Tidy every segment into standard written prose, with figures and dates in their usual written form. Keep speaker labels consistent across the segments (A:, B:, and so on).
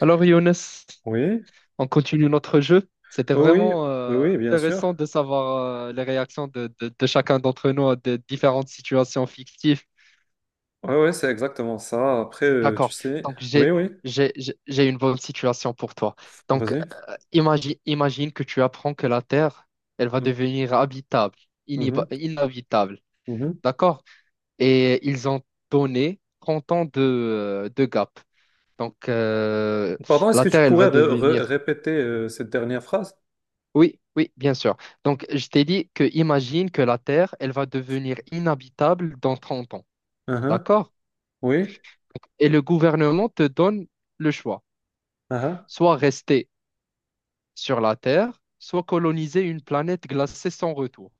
A: Alors Younes,
B: Oui,
A: on continue notre jeu. C'était
B: oui,
A: vraiment
B: oui, oui, bien sûr.
A: intéressant de savoir les réactions de chacun d'entre nous à des différentes situations fictives.
B: Oui, oui, c'est exactement ça. Après, tu
A: D'accord.
B: sais.
A: Donc
B: Oui,
A: j'ai
B: oui,
A: j'ai j'ai j'ai une bonne situation pour toi. Donc
B: vas-y.
A: imagine que tu apprends que la Terre, elle va
B: Mm,
A: devenir habitable,
B: mhm,
A: inhabitable.
B: mhm.
A: D'accord? Et ils ont donné 30 ans de gap. Donc
B: Pardon, est-ce
A: la
B: que tu
A: Terre, elle
B: pourrais
A: va devenir
B: répéter cette dernière phrase?
A: Oui, oui, bien sûr. Donc, je t'ai dit que imagine que la Terre, elle va devenir inhabitable dans 30 ans.
B: Mhm,
A: D'accord?
B: oui.
A: Et le gouvernement te donne le choix.
B: Hein, hein.
A: Soit rester sur la Terre, soit coloniser une planète glacée sans retour.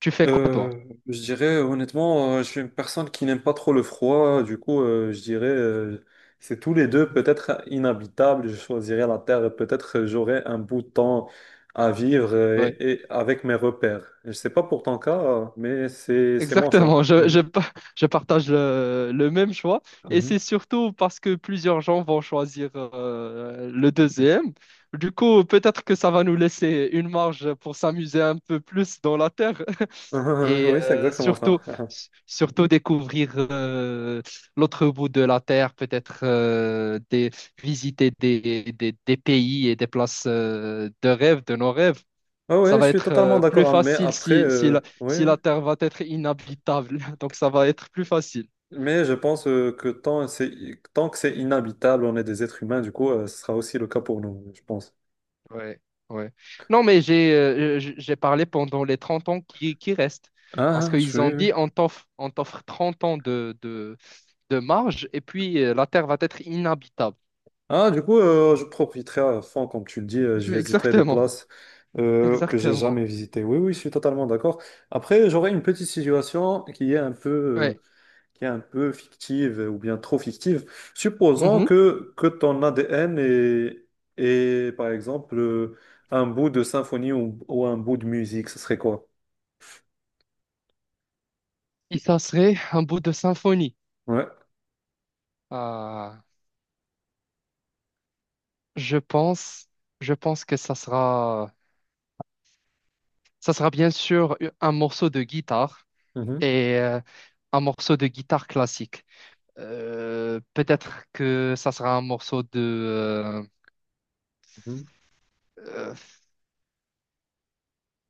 A: Tu fais quoi, toi?
B: Euh, je dirais honnêtement, je suis une personne qui n'aime pas trop le froid, du coup, je dirais c'est tous les deux peut-être inhabitables. Je choisirais la terre et peut-être j'aurais un bout de temps à vivre
A: Oui.
B: et avec mes repères. Je sais pas pour ton cas, mais c'est mon choix.
A: Exactement,
B: Mhm.
A: je partage le même choix et
B: Mhm.
A: c'est surtout parce que plusieurs gens vont choisir le deuxième. Du coup, peut-être que ça va nous laisser une marge pour s'amuser un peu plus dans la terre et
B: Oui, c'est exactement ça.
A: surtout, surtout découvrir l'autre bout de la terre, peut-être visiter des pays et des places de rêve, de nos rêves.
B: Ah ouais,
A: Ça
B: je
A: va
B: suis
A: être
B: totalement
A: plus
B: d'accord, hein, mais
A: facile
B: après,
A: si, si la,
B: oui,
A: si
B: oui.
A: la Terre va être inhabitable. Donc, ça va être plus facile.
B: Mais je pense que tant que c'est inhabitable, on est des êtres humains, du coup, ce sera aussi le cas pour nous, je pense.
A: Ouais, ouais. Non, mais j'ai parlé pendant les 30 ans qui restent. Parce
B: Ah, ah, je
A: qu'ils ont dit,
B: suis...
A: on t'offre 30 ans de marge et puis la Terre va être inhabitable.
B: Ah, du coup, je profiterai à fond, comme tu le dis, je visiterai des
A: Exactement,
B: places que j'ai
A: exactement.
B: jamais visitées. Oui, oui, je suis totalement d'accord. Après, j'aurais une petite situation qui est un peu,
A: Ouais.
B: qui est un peu fictive ou bien trop fictive. Supposons
A: Mhm.
B: que ton ADN est, par exemple, un bout de symphonie ou un bout de musique, ce serait quoi?
A: Et ça serait un bout de symphonie.
B: Ouais.
A: Ah, je pense, je pense que ça sera bien sûr un morceau de guitare.
B: Mhm,
A: Et un morceau de guitare classique. Peut-être que ça sera un morceau de,
B: mhm.
A: euh,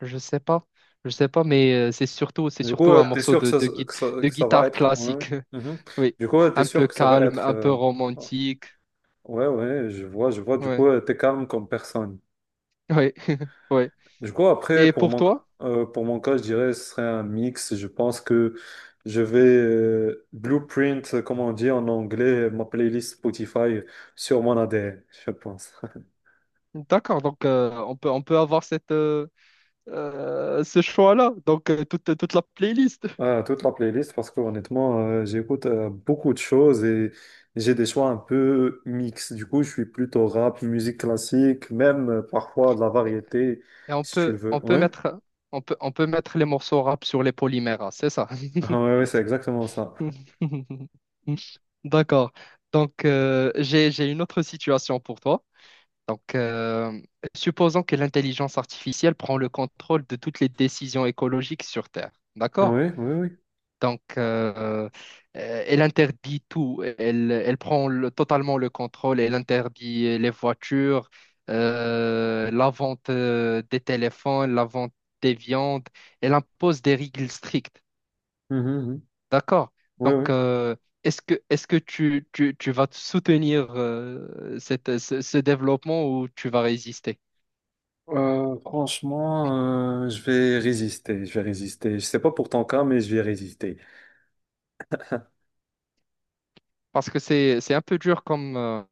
A: je sais pas, je sais pas, mais c'est surtout, c'est
B: Du coup,
A: surtout un
B: tu t'es
A: morceau
B: sûr
A: de, de, gui- de
B: que ça va
A: guitare
B: être... ouais, ouais.
A: classique.
B: Mhm.
A: Oui,
B: Du coup, t'es
A: un
B: sûr
A: peu
B: que ça va
A: calme,
B: être...
A: un peu romantique.
B: Ouais, ouais, je vois, du
A: Ouais,
B: coup, t'es calme comme personne.
A: ouais, ouais.
B: Du coup, après,
A: Et pour toi?
B: pour mon cas, je dirais, ce serait un mix. Je pense que je vais blueprint, comme on dit en anglais, ma playlist Spotify sur mon ADN, je pense.
A: D'accord, donc on peut avoir ce choix-là, donc toute la playlist.
B: Ah, toute la playlist, parce que honnêtement, j'écoute beaucoup de choses et j'ai des choix un peu mix. Du coup, je suis plutôt rap, musique classique, même parfois de la variété,
A: Et
B: si tu le veux. Ouais,
A: on peut mettre les morceaux rap sur les polymères, hein, c'est ça?
B: ah, ouais, ouais, c'est exactement ça.
A: D'accord. Donc, j'ai une autre situation pour toi. Donc, supposons que l'intelligence artificielle prend le contrôle de toutes les décisions écologiques sur Terre.
B: Ah,
A: D'accord?
B: oui, oui, oui.
A: Donc, elle interdit tout. Elle prend totalement le contrôle. Elle interdit les voitures, la vente des téléphones, la vente des viandes. Elle impose des règles strictes.
B: Mhm, mhm.
A: D'accord.
B: Oui,
A: Donc,
B: oui.
A: est-ce que tu vas te soutenir ce développement ou tu vas résister?
B: Franchement, je vais résister. Je vais résister. Je sais pas pour ton cas, mais je vais résister.
A: Parce que c'est un peu dur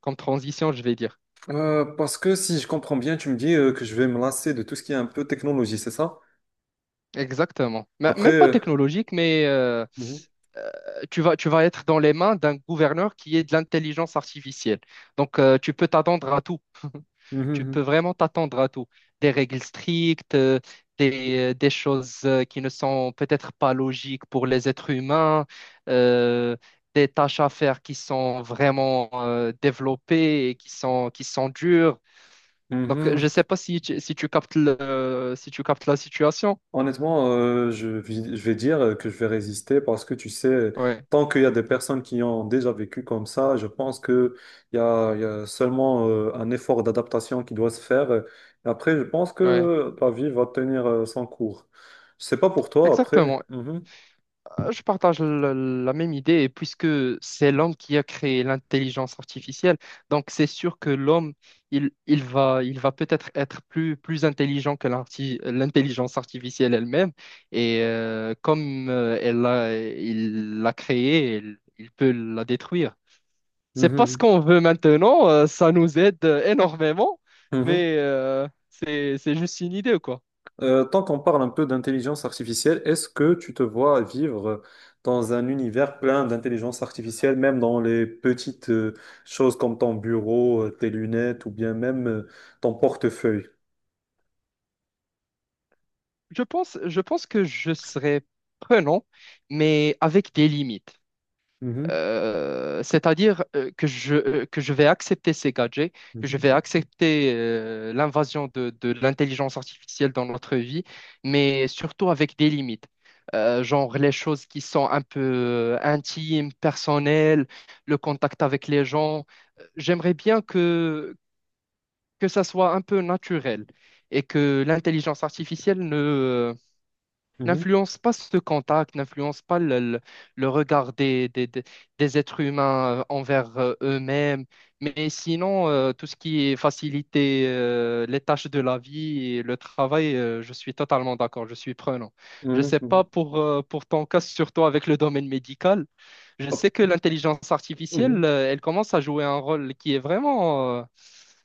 A: comme transition, je vais dire.
B: Parce que si je comprends bien, tu me dis que je vais me lasser de tout ce qui est un peu technologie, c'est ça?
A: Exactement.
B: Après.
A: Même pas
B: euh,
A: technologique, mais
B: mhm,
A: euh, tu vas être dans les mains d'un gouverneur qui est de l'intelligence artificielle. Donc, tu peux t'attendre à tout. Tu peux
B: mhm,
A: vraiment t'attendre à tout. Des règles strictes, des choses qui ne sont peut-être pas logiques pour les êtres humains, euh, des tâches à faire qui sont vraiment développées et qui sont dures. Donc,
B: mhm.
A: je ne sais
B: Mhm.
A: pas si tu, si tu captes le, si tu captes la situation.
B: Honnêtement, je vais dire que je vais résister parce que tu sais,
A: Ouais,
B: tant qu'il y a des personnes qui ont déjà vécu comme ça, je pense que il y a seulement un effort d'adaptation qui doit se faire. Et après, je pense
A: ouais,
B: que la vie va tenir son cours. Je sais pas pour toi après.
A: exactement.
B: Mhm.
A: Je partage la même idée, et puisque c'est l'homme qui a créé l'intelligence artificielle, donc c'est sûr que l'homme, il va peut-être être plus intelligent que l'intelligence artificielle elle-même, et comme il l'a créée, il peut la détruire. C'est pas ce
B: Mhm.
A: qu'on veut maintenant, ça nous aide énormément,
B: Mhm.
A: mais c'est juste une idée, quoi.
B: Tant qu'on parle un peu d'intelligence artificielle, est-ce que tu te vois vivre dans un univers plein d'intelligence artificielle, même dans les petites choses comme ton bureau, tes lunettes ou bien même ton portefeuille?
A: Je pense que je serais prenant, mais avec des limites.
B: Mhm,
A: C'est-à-dire que je vais accepter ces gadgets, que je
B: mhm,
A: vais accepter l'invasion de l'intelligence artificielle dans notre vie, mais surtout avec des limites. Genre les choses qui sont un peu intimes, personnelles, le contact avec les gens. J'aimerais bien que ça soit un peu naturel et que l'intelligence artificielle
B: mhm.
A: n'influence pas ce contact, n'influence pas le regard des êtres humains envers eux-mêmes. Mais sinon, tout ce qui est faciliter les tâches de la vie et le travail, je suis totalement d'accord, je suis prenant.
B: Mhm,
A: Je ne
B: mhm,
A: sais pas
B: mhm.
A: pour ton cas, surtout avec le domaine médical, je sais
B: Hop,
A: que l'intelligence artificielle,
B: mhm,
A: elle commence à jouer un rôle qui est vraiment, euh,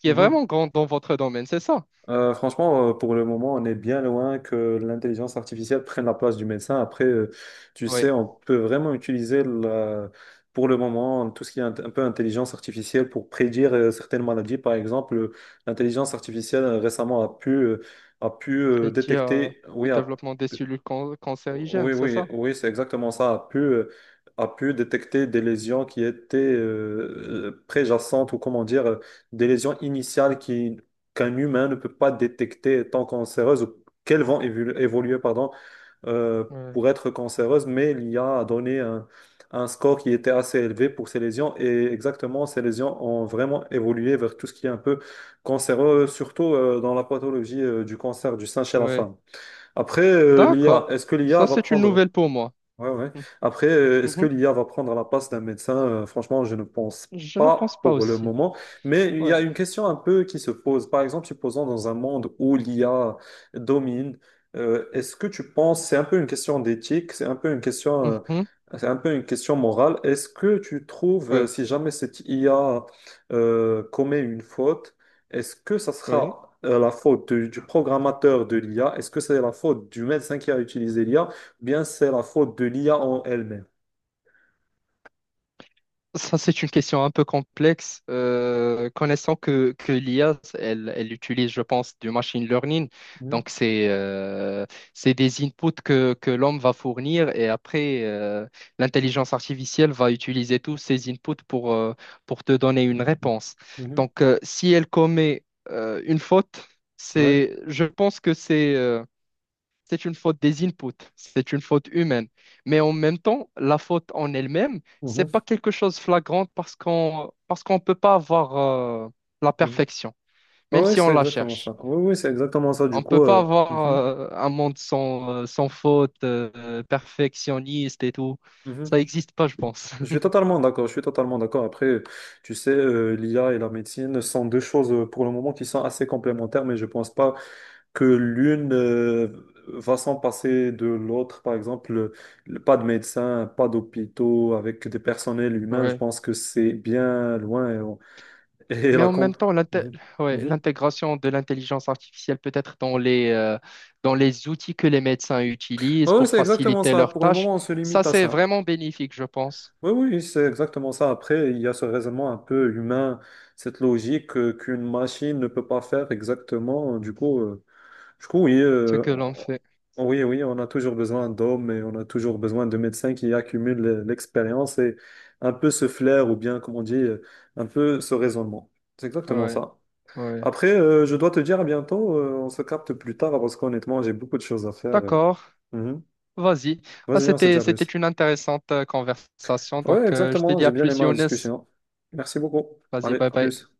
A: qui est
B: mhm.
A: vraiment grand dans votre domaine, c'est ça?
B: Franchement, pour le moment, on est bien loin que l'intelligence artificielle prenne la place du médecin. Après, tu sais, on peut vraiment utiliser pour le moment tout ce qui est un, peu intelligence artificielle pour prédire certaines maladies. Par exemple, l'intelligence artificielle récemment a pu
A: Et qui a
B: détecter,
A: le
B: oui, a
A: développement des cellules
B: oui,
A: cancérigènes, c'est
B: oui,
A: ça?
B: oui, c'est exactement ça. A pu détecter des lésions qui étaient préjacentes ou comment dire, des lésions initiales qu'un humain ne peut pas détecter étant cancéreuses ou qu'elles vont évoluer, pardon, euh,
A: Ouais.
B: pour être cancéreuses, mais l'IA a donné un score qui était assez élevé pour ces lésions et exactement, ces lésions ont vraiment évolué vers tout ce qui est un peu cancéreux, surtout dans la pathologie du cancer du sein chez la
A: Ouais.
B: femme. Après, l'IA,
A: D'accord.
B: est-ce que l'IA
A: Ça,
B: va
A: c'est une
B: prendre.
A: nouvelle pour moi.
B: Ouais, ouais. Après, est-ce que
A: Mhm.
B: l'IA va prendre la place d'un médecin? Franchement, je ne pense
A: Je ne pense
B: pas
A: pas
B: pour le
A: aussi.
B: moment. Mais il y
A: Ouais.
B: a une question un peu qui se pose. Par exemple, supposons dans un monde où l'IA domine, est-ce que tu penses, c'est un peu une question d'éthique, c'est un peu une question,
A: Mhm.
B: c'est un peu une question morale. Est-ce que tu trouves,
A: Ouais.
B: si jamais cette IA commet une faute, est-ce que ça
A: Oui.
B: sera la faute du programmateur de l'IA? Est-ce que c'est la faute du médecin qui a utilisé l'IA? Bien c'est la faute de l'IA en elle-même.
A: Ça, c'est une question un peu complexe. Connaissant que l'IA, elle utilise, je pense, du machine learning.
B: Mhm,
A: Donc, c'est des inputs que l'homme va fournir et après, l'intelligence artificielle va utiliser tous ces inputs pour te donner une réponse.
B: mhm,
A: Donc, si elle commet une faute,
B: ouais,
A: c'est, je pense que c'est une faute des inputs, c'est une faute humaine. Mais en même temps, la faute en elle-même, c'est
B: mhm,
A: pas quelque chose de flagrant parce qu'on peut pas avoir euh, la
B: mhm.
A: perfection,
B: Ah
A: même
B: ouais,
A: si on
B: c'est
A: la
B: exactement
A: cherche.
B: ça. Oui, oui, c'est exactement ça. Du
A: On
B: coup,
A: peut pas avoir
B: mhm,
A: un monde sans faute, perfectionniste et tout.
B: mhm,
A: Ça
B: mhm.
A: n'existe pas, je pense.
B: Je suis totalement d'accord. Je suis totalement d'accord. Après, tu sais, l'IA et la médecine sont deux choses pour le moment qui sont assez complémentaires, mais je pense pas que l'une va s'en passer de l'autre. Par exemple, pas de médecins, pas d'hôpitaux avec des personnels humains. Je
A: Ouais.
B: pense que c'est bien loin et et
A: Mais
B: la
A: en même
B: comp.
A: temps,
B: Mhm,
A: ouais,
B: mhm.
A: l'intégration de l'intelligence artificielle peut être dans les outils que les médecins utilisent
B: Ah, oui,
A: pour
B: c'est exactement
A: faciliter
B: ça.
A: leurs
B: Pour le
A: tâches,
B: moment, on se
A: ça
B: limite à
A: c'est
B: ça.
A: vraiment bénéfique, je pense,
B: Oui, oui, c'est exactement ça. Après, il y a ce raisonnement un peu humain, cette logique qu'une machine ne peut pas faire exactement. Du coup, oui,
A: ce que l'on fait.
B: oui, oui, on a toujours besoin d'hommes et on a toujours besoin de médecins qui accumulent l'expérience et un peu ce flair ou bien, comme on dit, un peu ce raisonnement. C'est exactement
A: Ouais,
B: ça.
A: ouais.
B: Après, je dois te dire à bientôt. On se capte plus tard parce qu'honnêtement, j'ai beaucoup de choses à faire.
A: D'accord,
B: Mhm.
A: vas-y. Ah,
B: Vas-y, on se dit
A: c'était,
B: à
A: c'était
B: plus.
A: une intéressante conversation,
B: Ouais,
A: donc je te
B: exactement.
A: dis
B: J'ai
A: à
B: bien
A: plus,
B: aimé la
A: Younes.
B: discussion. Merci beaucoup.
A: Vas-y,
B: Allez,
A: bye
B: à
A: bye.
B: plus.